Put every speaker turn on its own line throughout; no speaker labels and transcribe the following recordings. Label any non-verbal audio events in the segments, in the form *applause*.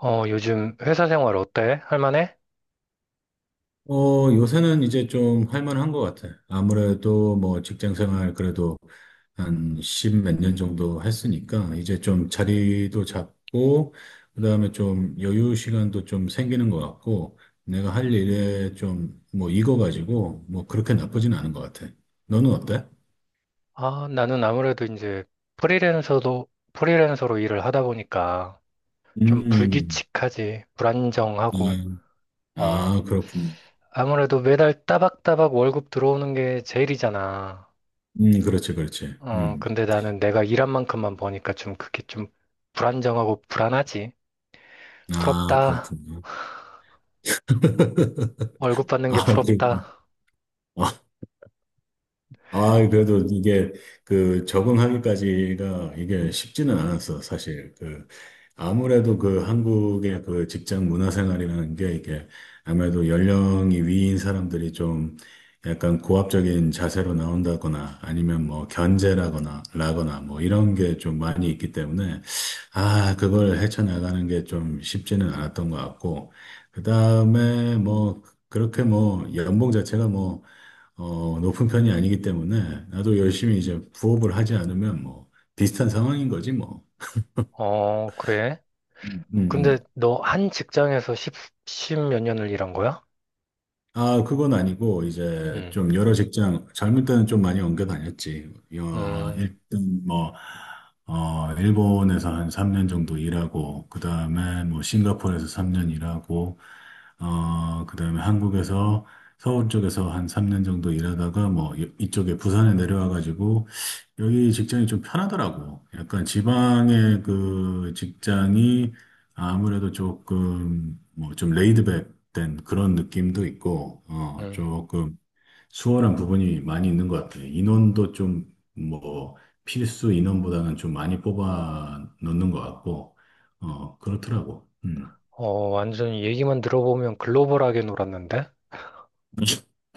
요즘 회사 생활 어때? 할만해?
어, 요새는 이제 좀 할만한 것 같아. 아무래도 뭐 직장 생활 그래도 한 십 몇 년 정도 했으니까 이제 좀 자리도 잡고, 그다음에 좀 여유 시간도 좀 생기는 것 같고, 내가 할 일에 좀 뭐 익어가지고 뭐 그렇게 나쁘진 않은 것 같아. 너는 어때?
아, 나는 아무래도 이제 프리랜서로 일을 하다 보니까 좀
음,
불규칙하지, 불안정하고,
예. 아,
어,
그렇군.
아무래도 매달 따박따박 월급 들어오는 게 제일이잖아.
그렇지, 그렇지.
근데 나는 내가 일한 만큼만 버니까 좀 그게 좀 불안정하고 불안하지.
아,
부럽다.
그렇군요. *laughs*
월급 받는 게
아,
부럽다.
그렇군. 아, 아, 그래도 이게 그 적응하기까지가 이게 쉽지는
응.
않았어, 사실. 그 아무래도 그 한국의 그 직장 문화 생활이라는 게 이게 아무래도 연령이 위인 사람들이 좀 약간 고압적인 자세로 나온다거나 아니면 뭐 견제라거나 라거나 뭐 이런 게 좀 많이 있기 때문에 아, 그걸 헤쳐나가는 게 좀 쉽지는 않았던 것 같고 그다음에 뭐 그렇게 뭐 연봉 자체가 뭐 어, 높은 편이 아니기 때문에 나도 열심히 이제 부업을 하지 않으면 뭐 비슷한 상황인 거지 뭐.
어, 그래?
음,
근데
음.
너 한 직장에서 십몇 년을 일한 거야?
아, 그건 아니고, 이제
응.
좀 여러 직장, 젊을 때는 좀 많이 옮겨 다녔지. 어,
음.
일단 뭐, 어, 일본에서 한 3년 정도 일하고, 그 다음에 뭐, 싱가포르에서 3년 일하고, 어, 그 다음에 한국에서 서울 쪽에서 한 3년 정도 일하다가 뭐, 이쪽에 부산에 내려와가지고, 여기 직장이 좀 편하더라고. 약간 지방의 그 직장이 아무래도 조금, 뭐, 좀 레이드백, 된 그런 느낌도 있고, 어,
음.
조금 수월한 부분이 많이 있는 것 같아요. 인원도 좀, 뭐, 필수 인원보다는 좀 많이 뽑아 넣는 것 같고, 어, 그렇더라고. 음.
완전히 얘기만 들어보면 글로벌하게 놀았는데?
*laughs*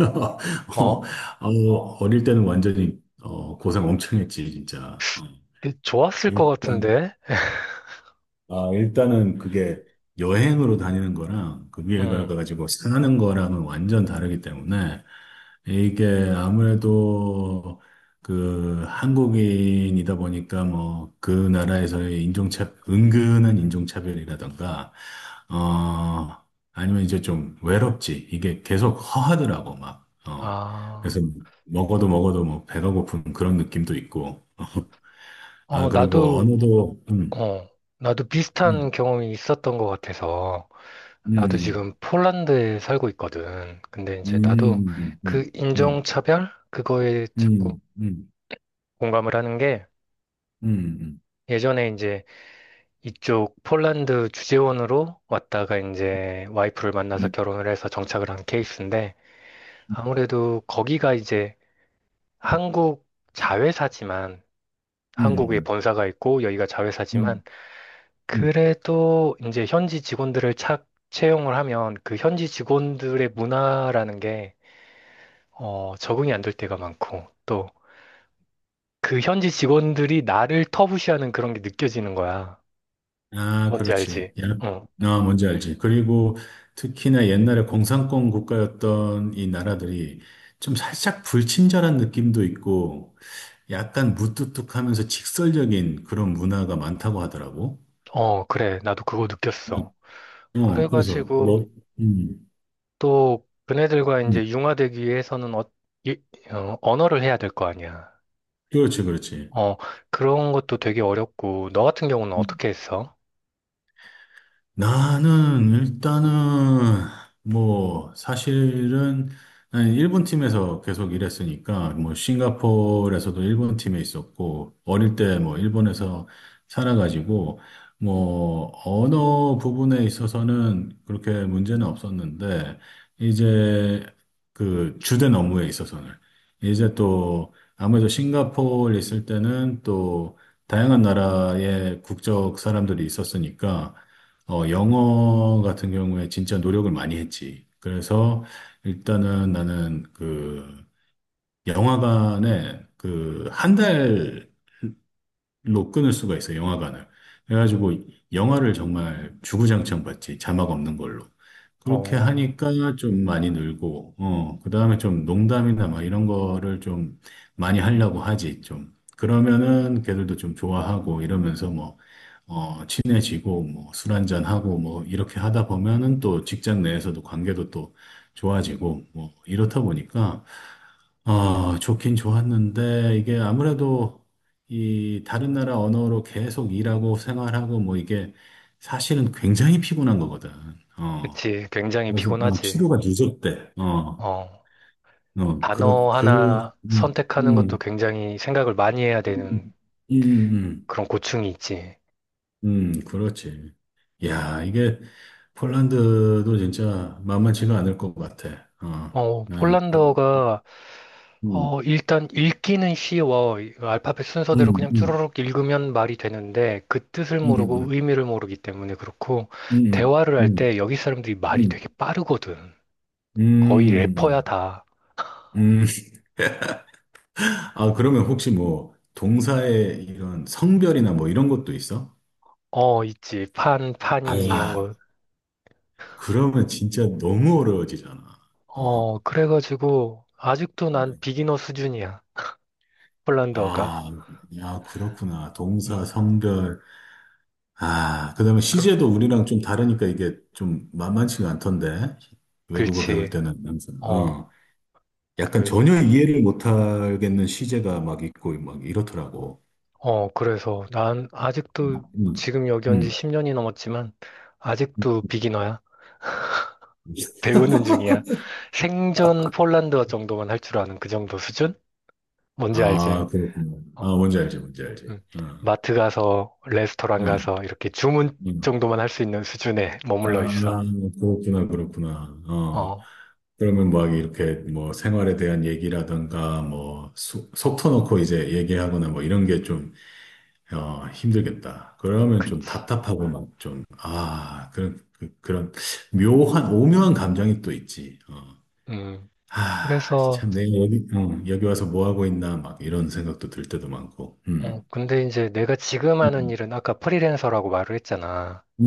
어,
어?
어, 어릴 때는 완전히, 어, 고생 엄청 했지, 진짜.
좋았을
어.
것 같은데?
아, 일단은 그게 여행으로 다니는 거랑 그 위에
음.
가가지고 사는 거랑은 완전 다르기 때문에 이게 아무래도 그 한국인이다 보니까 뭐 그 나라에서의 은근한 인종차별이라던가, 어, 아니면 이제 좀 외롭지. 이게 계속 허하더라고, 막. 어,
아,
그래서 먹어도 먹어도 뭐 배가 고픈 그런 느낌도 있고. *laughs* 아,
어,
그리고
나도,
언어도,
어, 나도
음,
비슷한 경험이 있었던 것 같아서. 나도
음.
지금 폴란드에 살고 있거든. 근데 이제 나도
음, 음,
그
음,
인종차별? 그거에 자꾸
음, 음,
공감을 하는 게
음, 음,
예전에 이제 이쪽 폴란드 주재원으로 왔다가 이제 와이프를 만나서
음,
결혼을 해서 정착을 한 케이스인데 아무래도 거기가 이제 한국 자회사지만
음,
한국에
음,
본사가 있고 여기가
음.
자회사지만
음.
그래도 이제 현지 직원들을 착 채용을 하면 그 현지 직원들의 문화라는 게 적응이 안 될 때가 많고 또 그 현지 직원들이 나를 터부시하는 그런 게 느껴지는 거야.
아,
뭔지
그렇지.
알지?
야,
어,
아, 뭔지 알지. 그리고 특히나 옛날에 공산권 국가였던 이 나라들이 좀 살짝 불친절한 느낌도 있고 약간 무뚝뚝하면서 직설적인 그런 문화가 많다고 하더라고.
그래. 나도 그거 느꼈어.
어, 그래서
그래가지고
너, 음,
또 그네들과
음,
이제 융화되기 위해서는 이- 언어를 해야 될 거 아니야.
그렇지, 그렇지.
어, 그런 것도 되게 어렵고, 너 같은 경우는 어떻게 했어?
나는 일단은 뭐 사실은 나는 일본 팀에서 계속 일했으니까 뭐 싱가포르에서도 일본 팀에 있었고 어릴 때 뭐 일본에서 살아가지고 뭐 언어 부분에 있어서는 그렇게 문제는 없었는데 이제 그 주된 업무에 있어서는 이제 또 아무래도 싱가포르 있을 때는 또 다양한 나라의 국적 사람들이 있었으니까 어, 영어 같은 경우에 진짜 노력을 많이 했지. 그래서 일단은 나는 그 영화관에 그한달 로 끊을 수가 있어요, 영화관을. 그래가지고 영화를 정말 주구장창 봤지, 자막 없는 걸로. 그렇게
어,
하니까 좀 많이 늘고, 어, 그 다음에 좀 농담이나 막 이런 거를 좀 많이 하려고 하지, 좀. 그러면은 걔들도 좀 좋아하고 이러면서 뭐, 어, 친해지고 뭐 술 한잔하고 뭐 이렇게 하다 보면은 또 직장 내에서도 관계도 또 좋아지고 뭐 이렇다 보니까 아, 좋긴 좋았는데, 이게 아무래도 이 다른 나라 언어로 계속 일하고 생활하고 뭐 이게 사실은 굉장히 피곤한 거거든. 어.
그치. 굉장히
그래서 어,
피곤하지.
치료가 늦었대. 어.
어,
어, 그렇
단어
그
하나
음,
선택하는 것도
음,
굉장히 생각을 많이 해야 되는
음, 음, 음,
그런 고충이 있지.
그렇지. 야, 이게 폴란드도 진짜 만만치가 않을 것 같아. 어.
어,
난
폴란드어가,
음,
일단 읽기는 쉬워. 이 알파벳 순서대로 그냥 쭈르
음,
륵 읽으면 말이 되는데, 그 뜻을 모르고
음,
의미를 모르기 때문에 그렇고,
음, 음,
대화를 할
음,
때 여기 사람들이 말이
음,
되게 빠르거든. 거의
음,
래퍼야, 다.
음. 아, 그러면 혹시 뭐 동사의 이런 성별이나 뭐 이런 것도 있어?
어, 있지. 판,
아, 아니,
파니, 이런 거.
그러면 진짜 너무 어려워지잖아. 어.
그래가지고, 아직도 난
음.
비기너 수준이야. 폴란드어가.
아, 야, 그렇구나. 동사,
음,
성별. 아, 그다음에
그,
시제도 우리랑 좀 다르니까 이게 좀 만만치가 않던데. 외국어 배울
그렇지.
때는 항상.
어,
어. 약간
그,
전혀 이해를 못하겠는 시제가 막 있고 막 이렇더라고.
그래서 난 아직도
음.
지금 여기 온 지
음.
10년이 넘었지만, 아직도 비기너야. 배우는 중이야. 생전 폴란드어 정도만 할 줄 아는 그 정도 수준? 뭔지 알지?
아, 그렇구나.
어,
아, 뭔지 알지, 뭔지 알지.
음.
어.
마트 가서, 레스토랑
응,
가서, 이렇게 주문
음.
정도만 할 수 있는 수준에 머물러
아,
있어.
그렇구나, 그렇구나. 어.
어,
그러면 막 이렇게 뭐 생활에 대한 얘기라든가 뭐 속 터놓고 이제 얘기하거나 뭐 이런 게 좀, 어, 힘들겠다. 그러면 좀
그치.
답답하고 막 좀, 아, 그런, 그, 그런 묘한, 오묘한 감정이 또 있지. 어.
음.
아,
그래서,
참 내가 여기, 어, 여기 와서 뭐 하고 있나 막 이런 생각도 들 때도 많고. 음.
근데 이제 내가 지금 하는
음.
일은 아까 프리랜서라고 말을 했잖아.
음.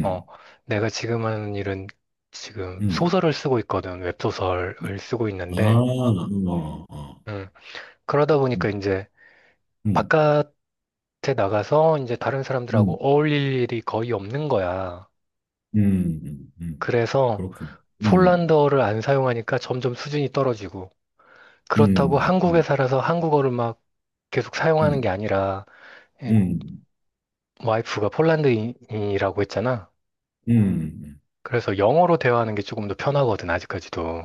어, 내가 지금 하는 일은 지금
음.
소설을 쓰고 있거든. 웹소설을 쓰고
아,
있는데,
어, 어.
음, 그러다 보니까
음.
이제
음.
바깥에 나가서 이제 다른
음.
사람들하고 어울릴 일이 거의 없는 거야.
음, 음, 음.
그래서
그렇군.
폴란드어를 안 사용하니까 점점 수준이 떨어지고, 그렇다고
음,
한국에
음,
살아서 한국어를 막 계속 사용하는
음,
게 아니라, 이
음,
와이프가 폴란드인이라고 했잖아.
음.
그래서 영어로 대화하는 게 조금 더 편하거든, 아직까지도.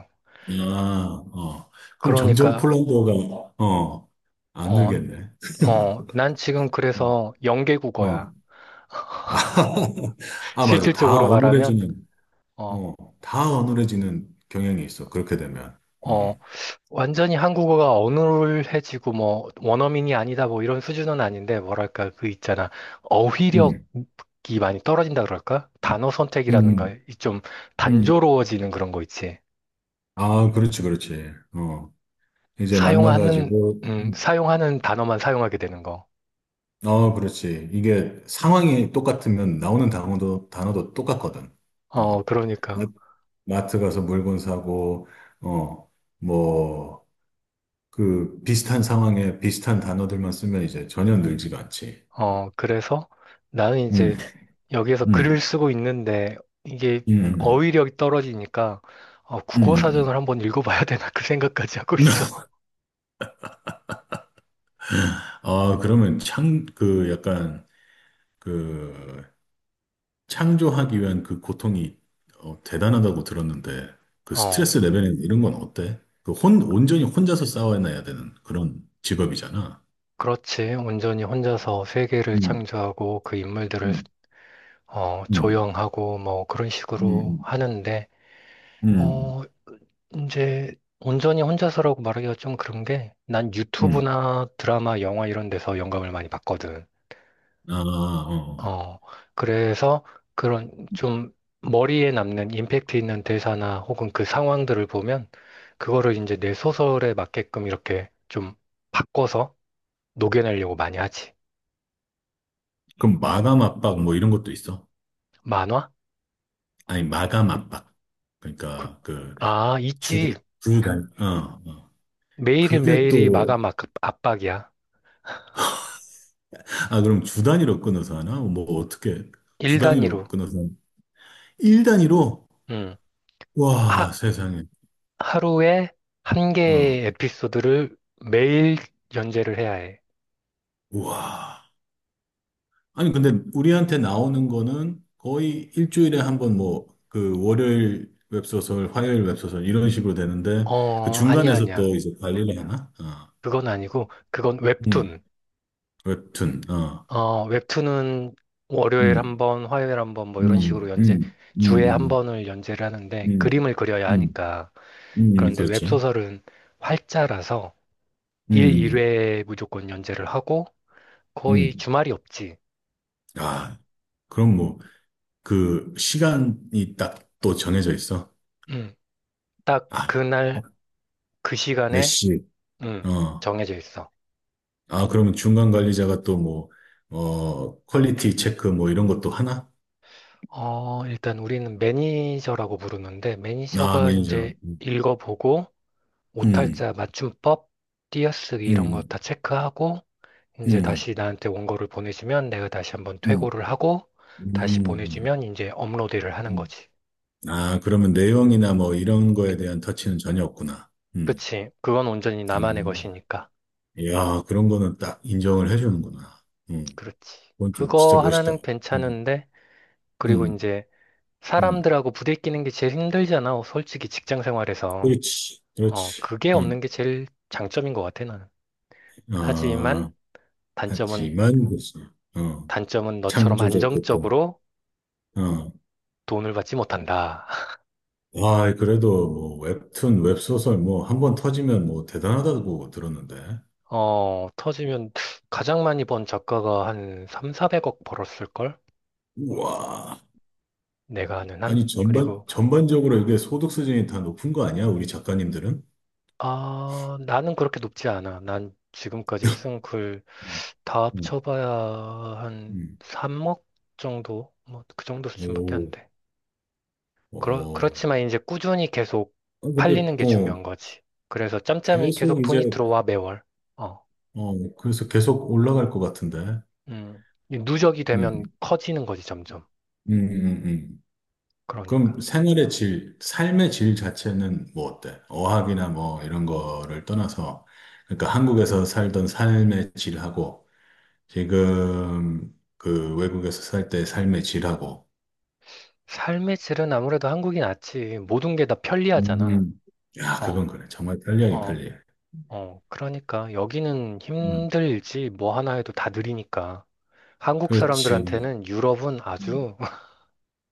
음. 아, 어. 그럼 점점
그러니까,
폴란드어가, 어, 안
어,
늘겠네.
난 지금
*laughs* 음,
그래서
어.
영계국어야.
아, *laughs* 아, 맞아. 다
실질적으로 말하면,
어눌해지는,
어,
어, 다 어눌해지는 경향이 있어. 그렇게 되면.
어,
음,
완전히 한국어가 어눌해지고, 뭐, 원어민이 아니다, 뭐, 이런 수준은 아닌데, 뭐랄까, 그 있잖아.
음,
어휘력이 많이 떨어진다 그럴까? 단어 선택이라는가,
음,
이좀
음.
단조로워지는 그런 거 있지.
아, 그렇지, 그렇지. 어. 이제
사용하는,
만나가지고
사용하는 단어만 사용하게 되는 거.
어, 그렇지. 이게 상황이 똑같으면 나오는 단어도 똑같거든.
어,
어, 마-
그러니까.
마트 가서 물건 사고, 어, 뭐, 그 비슷한 상황에 비슷한 단어들만 쓰면 이제 전혀 늘지가 않지. 어.
그래서 나는
음,
이제 여기에서 글을
음,
쓰고 있는데 이게
음, 음,
어휘력이 떨어지니까 국어
음.
사전을 한번 읽어봐야 *laughs* 되나 그 생각까지 하고
*laughs*
있어.
아, 그러면 창, 그 약간, 그, 창조하기 위한 그 고통이 어, 대단하다고 들었는데 그 스트레스
어,
레벨은 이런 건 어때? 그 온전히 혼자서 싸워내야 되는 그런 직업이잖아.
그렇지. 온전히 혼자서 세계를
음,
창조하고 그 인물들을
음, 음,
조형하고 뭐 그런 식으로
음,
하는데
음,
어, 이제 온전히 혼자서라고 말하기가 좀 그런 게 난
음.
유튜브나 드라마, 영화 이런 데서 영감을 많이 받거든.
아, 어.
어, 그래서 그런 좀 머리에 남는 임팩트 있는 대사나 혹은 그 상황들을 보면 그거를 이제 내 소설에 맞게끔 이렇게 좀 바꿔서 녹여내려고 많이 하지.
그럼 마감 압박 뭐 이런 것도 있어?
만화?
아니, 마감 압박.
그,
그러니까 그
아,
주,
있지.
주 단위. 어, 어. 그게
매일매일이
또,
마감 압박이야.
아, 그럼 주 단위로 끊어서 하나? 뭐 어떻게 주
일 단위로.
단위로 끊어서 하나? 일 단위로?
음.
와,
하,
세상에.
하루에 한
어.
개의 에피소드를 매일 연재를 해야 해.
우와. 아니, 근데 우리한테 나오는 거는 거의 일주일에 한번 뭐, 그 월요일 웹소설, 화요일 웹소설 이런 식으로 되는데 그
어, 아니야,
중간에서
아니야.
또 이제 관리를 하나? 어.
그건 아니고, 그건
음.
웹툰.
웹툰. 어.
어, 웹툰은 월요일 한
음.
번, 화요일 한 번, 뭐 이런
음.
식으로 연재,
음. 음.
주에 한
음.
번을 연재를 하는데
음.
그림을 그려야
음.
하니까.
음. 음.
그런데
그렇지.
웹소설은 활자라서
음.
일 일
음.
회 무조건 연재를 하고 거의
음.
주말이 없지.
아. 그럼 뭐 그 시간이 딱 또 정해져 있어.
음, 딱
아.
그날, 그
몇
시간에,
시.
음,
어.
정해져 있어.
아, 그러면 중간 관리자가 또 뭐, 어, 퀄리티 체크 뭐 이런 것도 하나?
어, 일단 우리는 매니저라고 부르는데
나 아,
매니저가 이제
매니저.
읽어보고
음,
오탈자 맞춤법, 띄어쓰기 이런 거
음,
다 체크하고 이제
음,
다시 나한테 원고를 보내주면 내가 다시 한번
음,
퇴고를 하고 다시
음.
보내주면 이제 업로드를 하는
음.
거지.
아, 그러면 내용이나 뭐 이런 거에 대한 터치는 전혀 없구나. 음.
그치. 그건 온전히
아,
나만의 것이니까.
야, 그런 거는 딱 인정을 해주는구나. 음.
그렇지.
그건 좀 진짜
그거
멋있다.
하나는
음,
괜찮은데 그리고
음,
이제
음.
사람들하고 부대끼는 게 제일 힘들잖아. 솔직히 직장 생활에서.
그렇지,
어,
그렇지.
그게 없는
음.
게 제일 장점인 것 같아, 나는.
아,
하지만 단점은,
하지만, 그렇 어,
단점은 너처럼
창조적 그건.
안정적으로
어.
돈을 받지 못한다.
와, 그래도 뭐 웹툰, 웹소설 뭐 한 번 터지면 뭐 대단하다고 들었는데.
어, 터지면 가장 많이 번 작가가 한 3, 400억 벌었을걸?
우와.
내가 아는 한?
아니, 전반,
그리고,
전반적으로 이게 소득 수준이 다 높은 거 아니야? 우리 작가님들은?
아, 나는 그렇게 높지 않아. 난 지금까지 쓴 글
음,
다
음,
합쳐봐야 한
음.
3억 정도? 뭐, 그 정도 수준밖에 안
오,
돼.
어.
그렇지만 이제 꾸준히 계속
아, 근데,
팔리는 게
어,
중요한 거지. 그래서 짬짬이 계속
계속
돈이
이제,
들어와, 매월. 어,
어, 그래서 계속 올라갈 것 같은데.
음. 이 누적이 되면
음,
커지는 거지, 점점.
음, 음, 음. 그럼
그러니까.
생활의 질, 삶의 질 자체는 뭐 어때? 어학이나 뭐 이런 거를 떠나서, 그러니까 한국에서 살던 삶의 질하고, 지금 그 외국에서 살 때 삶의 질하고.
삶의 질은 아무래도 한국이 낫지. 모든 게 다 편리하잖아.
음. 야, 그건
어,
그래. 정말 편리하긴
어,
편리해.
어. 그러니까 여기는
음,
힘들지 뭐 하나 해도 다 느리니까. 한국
그렇지.
사람들한테는 유럽은
음.
아주, *laughs*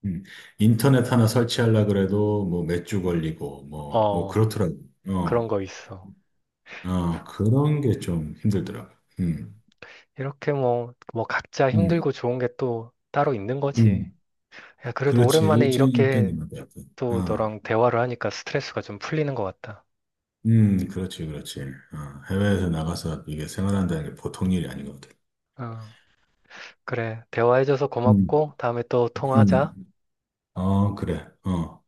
음. 인터넷 하나 설치하려 그래도 뭐 몇 주 걸리고 뭐, 뭐
어,
그렇더라고.
그런
어,
거 있어.
어, 그런 게 좀 힘들더라고. 음,
음. 이렇게 뭐 각자
음,
힘들고 좋은 게 또 따로 있는 거지.
음.
야, 그래도
그렇지.
오랜만에
일정일
이렇게
때는 맞아.
또
어,
너랑 대화를 하니까 스트레스가 좀 풀리는 것 같다.
그렇지, 그렇지. 어, 해외에서 나가서 이게 생활한다는 게 보통 일이 아니거든.
어, 그래. 대화해줘서
음,
고맙고 다음에 또
음.
통화하자.
어, 그래. 어.